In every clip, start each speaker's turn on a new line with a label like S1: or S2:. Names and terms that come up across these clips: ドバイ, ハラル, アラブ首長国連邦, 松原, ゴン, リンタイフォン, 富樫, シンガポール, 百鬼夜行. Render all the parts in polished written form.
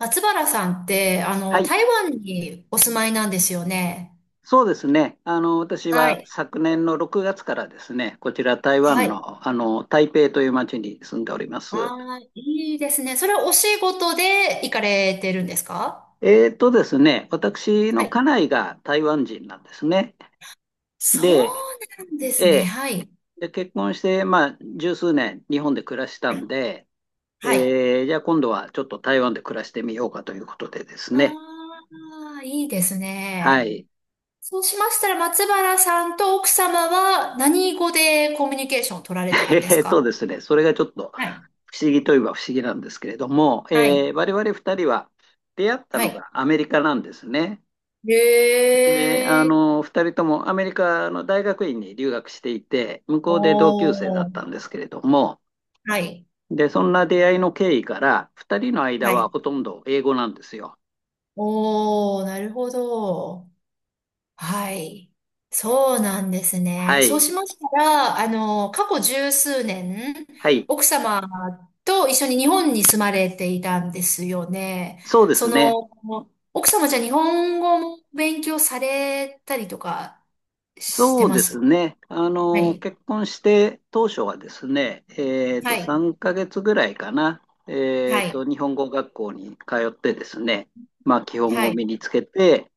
S1: 松原さんって、
S2: はい、
S1: 台湾にお住まいなんですよね。
S2: そうですね。私
S1: は
S2: は
S1: い。
S2: 昨年の6月からですね、こちら台
S1: は
S2: 湾
S1: い。
S2: の、台北という町に住んでおります。
S1: ああ、いいですね。それはお仕事で行かれてるんですか？
S2: えーとですね、私
S1: は
S2: の家
S1: い。
S2: 内が台湾人なんですね。
S1: そう
S2: で、
S1: なんです
S2: え
S1: ね。
S2: え
S1: はい。
S2: 結婚して、十数年日本で暮らした
S1: は
S2: ん
S1: い。
S2: で、
S1: はい。
S2: じゃあ今度はちょっと台湾で暮らしてみようかということでですね。
S1: ああ、いいです
S2: は
S1: ね。
S2: い。
S1: そうしましたら、松原さんと奥様は何語でコミュニケーションを取られてるん です
S2: えーと
S1: か？
S2: ですね、それがちょっと
S1: はい。
S2: 不思議といえば不思議なんですけれども、
S1: はい。
S2: 我々2人は出会った
S1: は
S2: の
S1: い。
S2: がアメリカなんですね。で、
S1: へえ。
S2: 2人ともアメリカの大学院に留学していて、向こうで同級生だ
S1: お
S2: っ
S1: ー。
S2: たんですけれども、
S1: はい。
S2: で、そんな出会いの経緯から、2人の間
S1: は
S2: は
S1: い。
S2: ほとんど英語なんですよ。
S1: おー、なるほど。はい。そうなんですね。
S2: は
S1: そう
S2: い。
S1: しましたら、過去十数年、
S2: はい。
S1: 奥様と一緒に日本に住まれていたんですよね。
S2: そうで
S1: そ
S2: すね。
S1: の、奥様じゃ日本語も勉強されたりとかし
S2: そ
S1: て
S2: う
S1: ま
S2: です
S1: す？
S2: ね。
S1: はい。
S2: 結婚して当初はですね、
S1: はい。
S2: 3ヶ月ぐらいかな、
S1: はい。
S2: 日本語学校に通ってですね、基本語
S1: は
S2: を
S1: い。
S2: 身につけて、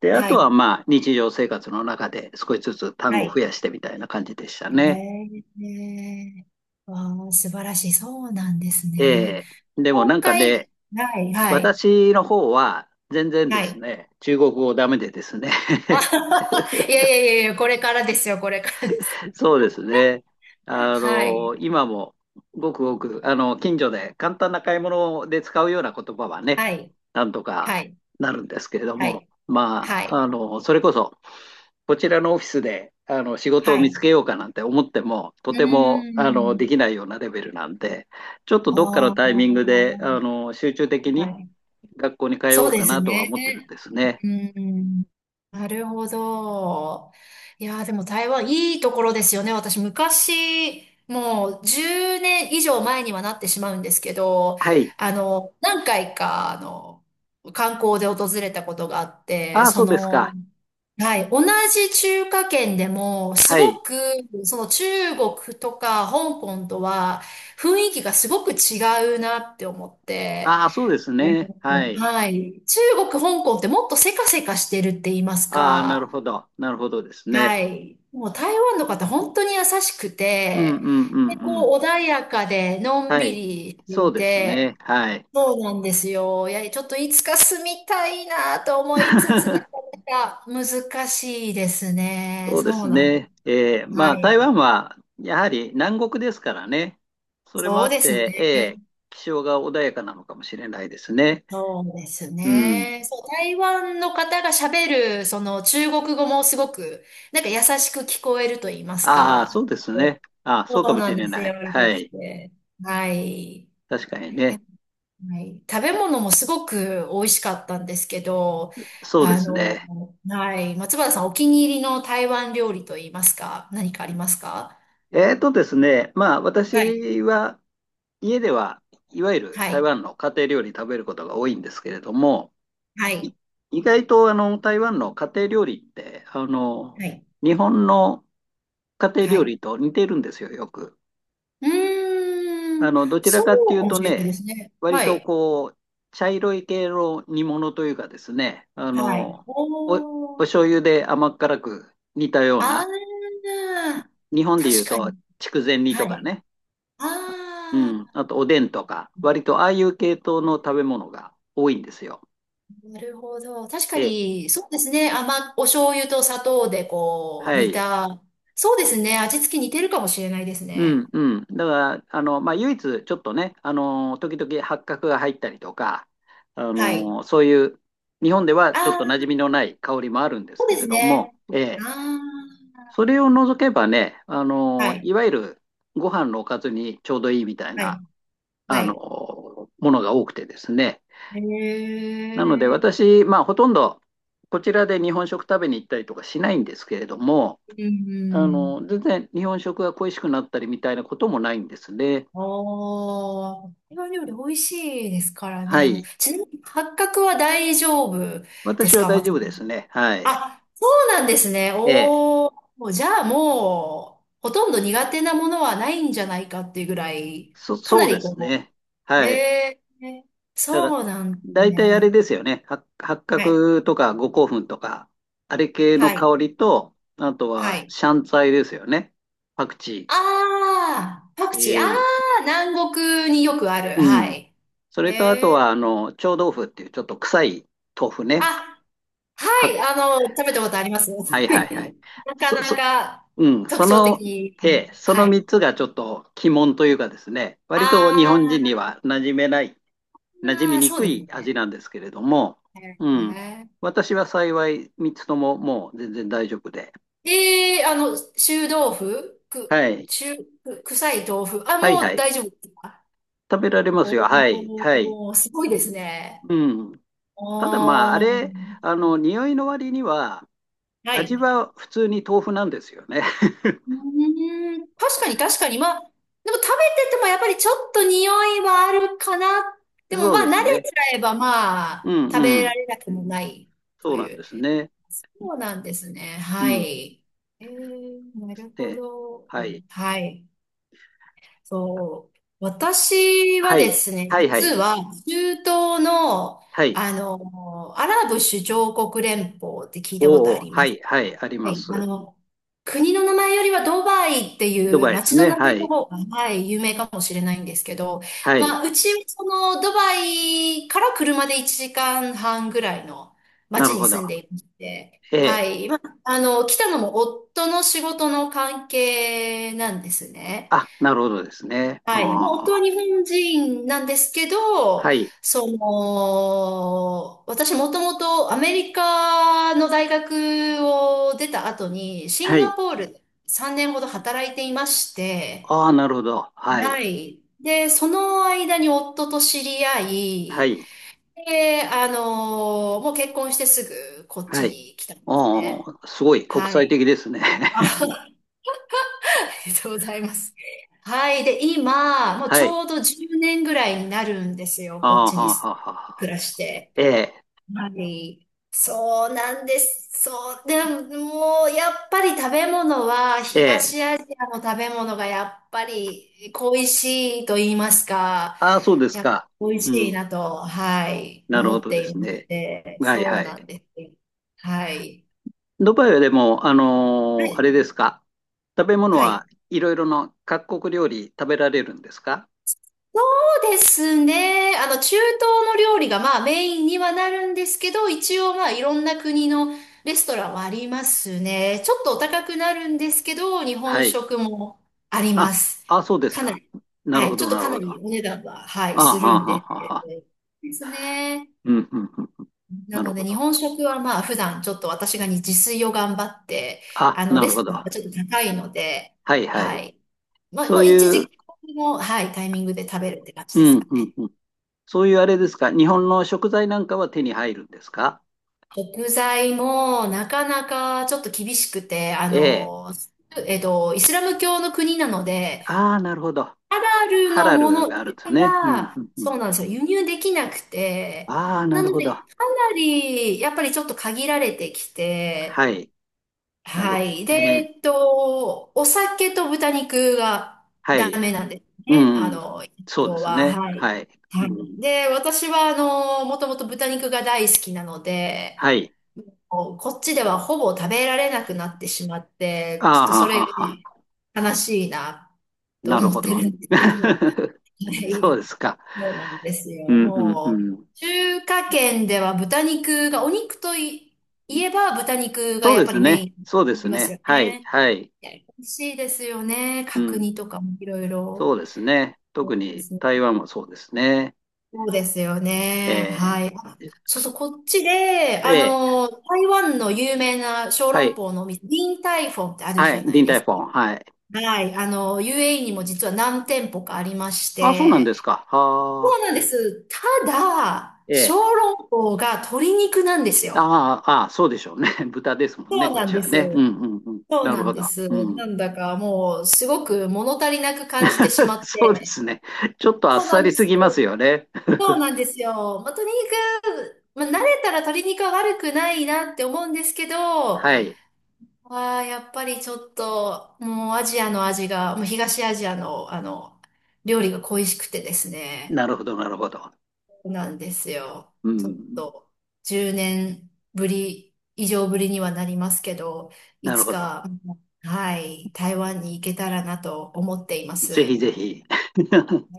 S2: で、あ
S1: は
S2: とは
S1: い。
S2: 日常生活の中で少しずつ単
S1: は
S2: 語を増
S1: い。
S2: やしてみたいな感じでしたね。
S1: ええわあ、素晴らしい。そうなんですね。
S2: でもな
S1: 今
S2: んかね、
S1: 回、はい、はい、
S2: 私の方は全然で
S1: は
S2: す
S1: い。
S2: ね、中国語ダメでですね
S1: あ はは、いやいやいやいや、これからですよ、これからです。
S2: そうですね。
S1: はい、
S2: 今もごくごく、近所で簡単な買い物で使うような言葉はね、
S1: はい、
S2: なんとか
S1: はい、
S2: なるんですけれど
S1: は
S2: も、
S1: い、はい、
S2: それこそ、こちらのオフィスで、仕事を
S1: は
S2: 見つ
S1: い。
S2: けようかなんて思っても、と
S1: うー
S2: ても、
S1: ん。
S2: できないようなレベルなんで、ちょっと
S1: あ
S2: どっかの
S1: あ、
S2: タイミングで、
S1: は
S2: 集中的に
S1: い。
S2: 学校に通
S1: そ
S2: お
S1: う
S2: う
S1: で
S2: か
S1: す
S2: なとは
S1: ね。
S2: 思ってるんですね。
S1: うん。なるほど。いやー、でも台湾いいところですよね。私昔、もう10年以上前にはなってしまうんですけど、
S2: はい。
S1: 何回か、観光で訪れたことがあって、
S2: ああ、そうですか。
S1: はい、同じ中華圏でも、す
S2: はい。
S1: ごく、その中国とか香港とは、雰囲気がすごく違うなって思って、
S2: ああ、そうです
S1: なる
S2: ね。
S1: ほ
S2: は
S1: ど、
S2: い。
S1: はい。中国、香港ってもっとせかせかしてるって言います
S2: ああ、なる
S1: か。
S2: ほど。なるほどですね。
S1: はい。もう台湾の方本当に優しく
S2: うんう
S1: て、
S2: んう
S1: で、
S2: んう
S1: こ
S2: ん。
S1: う穏やかでのん
S2: は
S1: び
S2: い。
S1: りして
S2: そう
S1: い
S2: ですね。
S1: て、
S2: はい。
S1: そうなんですよ。いや、ちょっといつか住みたいなと思いつつ、なか なか難しいですね。
S2: そうで
S1: そう
S2: す
S1: なん。
S2: ね。ま
S1: は
S2: あ、台湾
S1: い。
S2: はやはり南国ですからね。それもあ
S1: そう
S2: っ
S1: ですね。
S2: て、え気象が穏やかなのかもしれないですね。
S1: そうです
S2: うん。
S1: ね。そう、台湾の方が喋る、その中国語もすごく、なんか優しく聞こえると言います
S2: ああ、そう
S1: か。
S2: ですね。ああ、そ
S1: そ
S2: うか
S1: う
S2: も
S1: な
S2: し
S1: んで
S2: れ
S1: す。
S2: な
S1: 柔
S2: い。
S1: ら
S2: は
S1: かく
S2: い。
S1: て。はい。
S2: 確かに
S1: え
S2: ね。
S1: はい。食べ物もすごく美味しかったんですけど、
S2: そうですね。
S1: はい。松原さん、お気に入りの台湾料理と言いますか、何かありますか？
S2: まあ、
S1: はい。
S2: 私は家では、いわゆる
S1: は
S2: 台
S1: い。
S2: 湾の家庭料理食べることが多いんですけれども、
S1: は
S2: い
S1: い。
S2: 意外と台湾の家庭料理って
S1: はい。
S2: 日本の家庭
S1: は
S2: 料
S1: い。
S2: 理と似てるんですよ、よく。
S1: うーん。
S2: どちら
S1: そ
S2: かってい
S1: う
S2: う
S1: かも
S2: と
S1: しれないで
S2: ね、
S1: すね。
S2: 割
S1: は
S2: と
S1: い。
S2: こう茶色い系の煮物というかですね、
S1: はい。
S2: お
S1: お
S2: 醤
S1: ー。
S2: 油で甘辛く煮たような、
S1: ああ、
S2: 日本でい
S1: 確
S2: う
S1: か
S2: と
S1: に。
S2: 筑前煮
S1: は
S2: とか
S1: い。
S2: ね、う
S1: あ
S2: ん、
S1: あ、
S2: あとおでんとか、割とああいう系統の食べ物が多いんですよ。
S1: なるほど。確か
S2: ええ、
S1: に、そうですね。お醤油と砂糖でこう、
S2: は
S1: 煮
S2: い。
S1: た。そうですね。味付け似てるかもしれないです
S2: うん
S1: ね。
S2: うん。だから、唯一、ちょっとね、時々八角が入ったりとか、
S1: はい。
S2: そういう、日本では
S1: あ
S2: ちょっと馴
S1: あ、
S2: 染みのない香りもあるんで
S1: そ
S2: す
S1: う
S2: け
S1: で
S2: れ
S1: す
S2: ども、
S1: ね。
S2: ええ、
S1: あ
S2: それを除けばね、
S1: あ、は
S2: い
S1: い。
S2: わゆるご飯のおかずにちょうどいいみたい
S1: は
S2: な、
S1: い。は
S2: あの、
S1: い。
S2: ものが多くてですね。
S1: へ
S2: なので、
S1: え。
S2: 私、まあ、ほとんど、こちらで日本食食べに行ったりとかしないんですけれども、
S1: うん。
S2: 全然日本食が恋しくなったりみたいなこともないんですね。
S1: ああ、台湾料理美味しいですから
S2: は
S1: ね。もう
S2: い。
S1: ちなみに、八角は大丈夫で
S2: 私
S1: す
S2: は
S1: か、
S2: 大
S1: 松
S2: 丈夫
S1: 本さ
S2: です
S1: ん？
S2: ね。はい。
S1: あ、そうなんですね。
S2: ええ。
S1: おー、もうじゃあもう、ほとんど苦手なものはないんじゃないかっていうぐらい、か
S2: そ
S1: な
S2: うで
S1: り
S2: す
S1: こ
S2: ね。
S1: う、ね
S2: はい。
S1: え
S2: だから、
S1: そうなんです
S2: 大体あれ
S1: ね。
S2: ですよね。八
S1: はい、
S2: 角とか五香粉とか、あれ系の
S1: はい、
S2: 香りと、あと
S1: は
S2: は
S1: い。
S2: シャンツァ菜ですよね。パクチー。
S1: ああ、パクチー、あ
S2: ええ。
S1: あ、南国によくある。
S2: う
S1: は
S2: ん。
S1: い。
S2: そ
S1: へ
S2: れとあとは、
S1: え
S2: 臭豆腐っていうちょっと臭い豆
S1: ー、
S2: 腐ね。
S1: あ、は
S2: は、
S1: い、食べたことあります。
S2: はいはいはい。
S1: なか
S2: そ、
S1: な
S2: そ、
S1: か
S2: うん。
S1: 特
S2: そ
S1: 徴
S2: の、
S1: 的。
S2: ええ、そ
S1: は
S2: の三
S1: い。
S2: つがちょっと鬼門というかですね、割と日本人に
S1: あ
S2: は馴染
S1: ー、
S2: み
S1: あー
S2: に
S1: そう
S2: く
S1: です
S2: い味
S1: ね。
S2: なんですけれども、うん。私は幸い3つとももう全然大丈夫で。
S1: ええー、
S2: はい。
S1: 臭い豆腐。あ、
S2: はいは
S1: もう
S2: い。
S1: 大丈夫ですか？
S2: 食べられますよ。はい。はい。
S1: おー、すごいですね。
S2: うん。ただまあ、あ
S1: おー、
S2: れ、匂いの割には、
S1: は
S2: 味
S1: い。
S2: は普通に豆腐なんですよね。
S1: うーん、確かに確かに。まあ、でも食べててもやっぱりちょっと匂いはあるかな。でも
S2: そ
S1: ま
S2: う
S1: あ
S2: です
S1: 慣れ
S2: ね。
S1: ちゃえばま
S2: う
S1: あ
S2: ん
S1: 食
S2: う
S1: べら
S2: ん。
S1: れなくもない
S2: そ
S1: と
S2: うなん
S1: い
S2: で
S1: う。
S2: すね。
S1: そうなんですね。
S2: う
S1: は
S2: ん。
S1: い。なるほ
S2: で、
S1: ど。
S2: はい。
S1: はい。そう、私は
S2: は
S1: で
S2: い。
S1: すね、
S2: はいは
S1: 実
S2: い。
S1: は中東の、
S2: はい。
S1: アラブ首長国連邦って聞いたこと
S2: お
S1: あ
S2: お、
S1: り
S2: は
S1: ます？
S2: いはい。あり
S1: は
S2: ま
S1: い。
S2: す。
S1: 国の名前よりはドバイって
S2: ド
S1: いう
S2: バイです
S1: 街の
S2: ね。
S1: 名
S2: は
S1: 前の
S2: い。
S1: 方が、はい、有名かもしれないんですけど、
S2: はい。
S1: まあ、うち、ドバイから車で1時間半ぐらいの
S2: な
S1: 街
S2: る
S1: に
S2: ほど。
S1: 住んでいまして、
S2: え
S1: は
S2: え。
S1: い。まあ、来たのも夫の仕事の関係なんですね。
S2: あ、なるほどですね。あ
S1: はい。まあ、夫は
S2: あ、
S1: 日本人なんですけど、
S2: はい、
S1: 私もともとアメリカの大学を出た後に、シ
S2: は
S1: ンガ
S2: い。
S1: ポールで3年ほど働いていまして、
S2: ああ、なるほど。は
S1: は
S2: い、
S1: い。で、その間に夫と知り合
S2: は
S1: い、
S2: い、
S1: で、もう結婚してすぐこっ
S2: は
S1: ち
S2: い。
S1: に来たんですね。
S2: ああ、すごい国
S1: は
S2: 際
S1: い。
S2: 的ですね。
S1: りがとうございます。はい。で、今、もうち
S2: はい。
S1: ょうど10年ぐらいになるんですよ。
S2: あ
S1: こっ
S2: あ、
S1: ち
S2: は
S1: に
S2: あ、はあ、は
S1: 暮ら
S2: あ。
S1: して。
S2: ええ、
S1: はい。そうなんです。そう。でも、もう、やっぱり食べ物は、
S2: ええ。
S1: 東アジアの食べ物がやっぱり恋しいと言いますか、
S2: ああ、そうです
S1: やっぱ
S2: か。
S1: 美味
S2: う
S1: しい
S2: ん、
S1: なと、はい、
S2: なる
S1: 思
S2: ほ
S1: っ
S2: どで
S1: てい
S2: す
S1: まし
S2: ね。
S1: て、
S2: はい、
S1: そう
S2: はい。
S1: なんです。はい。
S2: ドバイはでも、
S1: は
S2: あ
S1: い。
S2: れですか。食べ物
S1: は
S2: は
S1: い。
S2: いろいろな各国料理食べられるんですか？
S1: そうですね。中東の料理がまあメインにはなるんですけど、一応まあいろんな国のレストランはありますね。ちょっとお高くなるんですけど、日
S2: は
S1: 本
S2: い。
S1: 食もありま
S2: あ、
S1: す。
S2: あ、そうです
S1: かな
S2: か。
S1: り、
S2: な
S1: は
S2: るほ
S1: い、ちょ
S2: ど、
S1: っと
S2: なる
S1: かな
S2: ほど。あ
S1: りお値段は、はい、
S2: あ、は
S1: する
S2: あ、
S1: んで
S2: は
S1: す
S2: あ、はあ。
S1: ですね。
S2: うん、うん、うん。
S1: な
S2: な
S1: の
S2: る
S1: で
S2: ほ
S1: 日
S2: ど。
S1: 本食はまあ普段ちょっと私がね自炊を頑張って、
S2: あ、な
S1: レ
S2: るほ
S1: ス
S2: ど。
S1: トランが
S2: は
S1: ちょっと高いので、
S2: いは
S1: は
S2: い。
S1: い。まあ、
S2: そ
S1: も
S2: う
S1: う一
S2: い
S1: 時
S2: う、
S1: 期の、はい、タイミングで食べるって感じ
S2: う
S1: です
S2: ん
S1: か
S2: うん
S1: ね。
S2: うん。そういうあれですか。日本の食材なんかは手に入るんですか？
S1: 食材もなかなかちょっと厳しくて、
S2: ええ。
S1: イスラム教の国なので、
S2: ああ、なるほど。
S1: ハラル
S2: ハ
S1: の
S2: ラ
S1: も
S2: ル
S1: の
S2: があるん
S1: 以
S2: です
S1: 外
S2: ね。うんう
S1: は、
S2: んう
S1: そ
S2: ん。
S1: うなんですよ、輸入できなくて、
S2: ああ、な
S1: な
S2: る
S1: の
S2: ほど。
S1: で、かなり、やっぱりちょっと限られてきて、
S2: はい。なる
S1: は
S2: ほ
S1: い。で、
S2: どね。
S1: お酒と豚肉が
S2: は
S1: ダ
S2: い。
S1: メなんです
S2: う
S1: ね。
S2: んうん。そうで
S1: 要
S2: す
S1: は、
S2: ね。
S1: は
S2: は
S1: い。
S2: い。
S1: は
S2: う
S1: い。
S2: ん、
S1: で、私は、もともと豚肉が大好きなので、
S2: はい。
S1: こっちではほぼ食べられなくなってしまっ
S2: あ
S1: て、ちょっと
S2: あ、
S1: そ
S2: は
S1: れ
S2: はは。
S1: が悲しいなと
S2: なる
S1: 思っ
S2: ほ
S1: て
S2: ど。
S1: るんですけど、は
S2: そう
S1: い、
S2: ですか。
S1: そうなんです
S2: う
S1: よ。
S2: んうんう
S1: も
S2: ん。
S1: う、中華圏では豚肉が、お肉とい、言えば豚肉が
S2: そう
S1: やっ
S2: で
S1: ぱ
S2: す
S1: りメ
S2: ね。
S1: インにな
S2: そうです
S1: ります
S2: ね。
S1: よ
S2: はい。
S1: ね。
S2: はい。
S1: いや、美味しいですよね。
S2: う
S1: 角
S2: ん
S1: 煮とかもいろい
S2: そ
S1: ろ。
S2: うですね。
S1: そ
S2: 特
S1: うで
S2: に
S1: すね。
S2: 台湾もそうですね。
S1: そうですよね。
S2: え
S1: はい。あ、
S2: ー、
S1: そう
S2: す
S1: そう、こっちで、
S2: ええ
S1: 台湾の有名な小
S2: は
S1: 籠
S2: い、
S1: 包のお店、リンタイフォンってある
S2: は
S1: じゃ
S2: い、
S1: な
S2: リ
S1: い
S2: ン
S1: で
S2: タイ
S1: す
S2: フォ
S1: か。
S2: ン、はい。
S1: はい。UAE にも実は何店舗かありまし
S2: あ、そうなん
S1: て、
S2: ですか。
S1: そ
S2: は
S1: う
S2: あ
S1: なんです。ただ、小
S2: ええ
S1: 籠包が鶏肉なんですよ。
S2: あああそうでしょうね。豚ですもん
S1: そ
S2: ね、
S1: う
S2: こっ
S1: なん
S2: ち
S1: で
S2: はね。うん
S1: す。
S2: うんうん。
S1: そう
S2: なる
S1: なん
S2: ほ
S1: で
S2: ど。
S1: す。
S2: うん。
S1: なんだかもう、すごく物足りなく感じてし まっ
S2: そうで
S1: て。
S2: すね。ちょっとあっ
S1: そうな
S2: さ
S1: ん
S2: り
S1: で
S2: す
S1: す。
S2: ぎますよね。
S1: そうなんですよ。まあ、まあ、慣れたら鶏肉は悪くないなって思うんですけど、あ
S2: はい。
S1: あやっぱりちょっと、もうアジアの味が、もう東アジアの、料理が恋しくてですね、
S2: なるほど、なるほど。
S1: なんですよ。
S2: う
S1: ちょっ
S2: ん。
S1: と、10年ぶり、以上ぶりにはなりますけど、い
S2: なる
S1: つ
S2: ほど。
S1: か、はい、台湾に行けたらなと思っていま
S2: ぜ
S1: す。
S2: ひぜひ。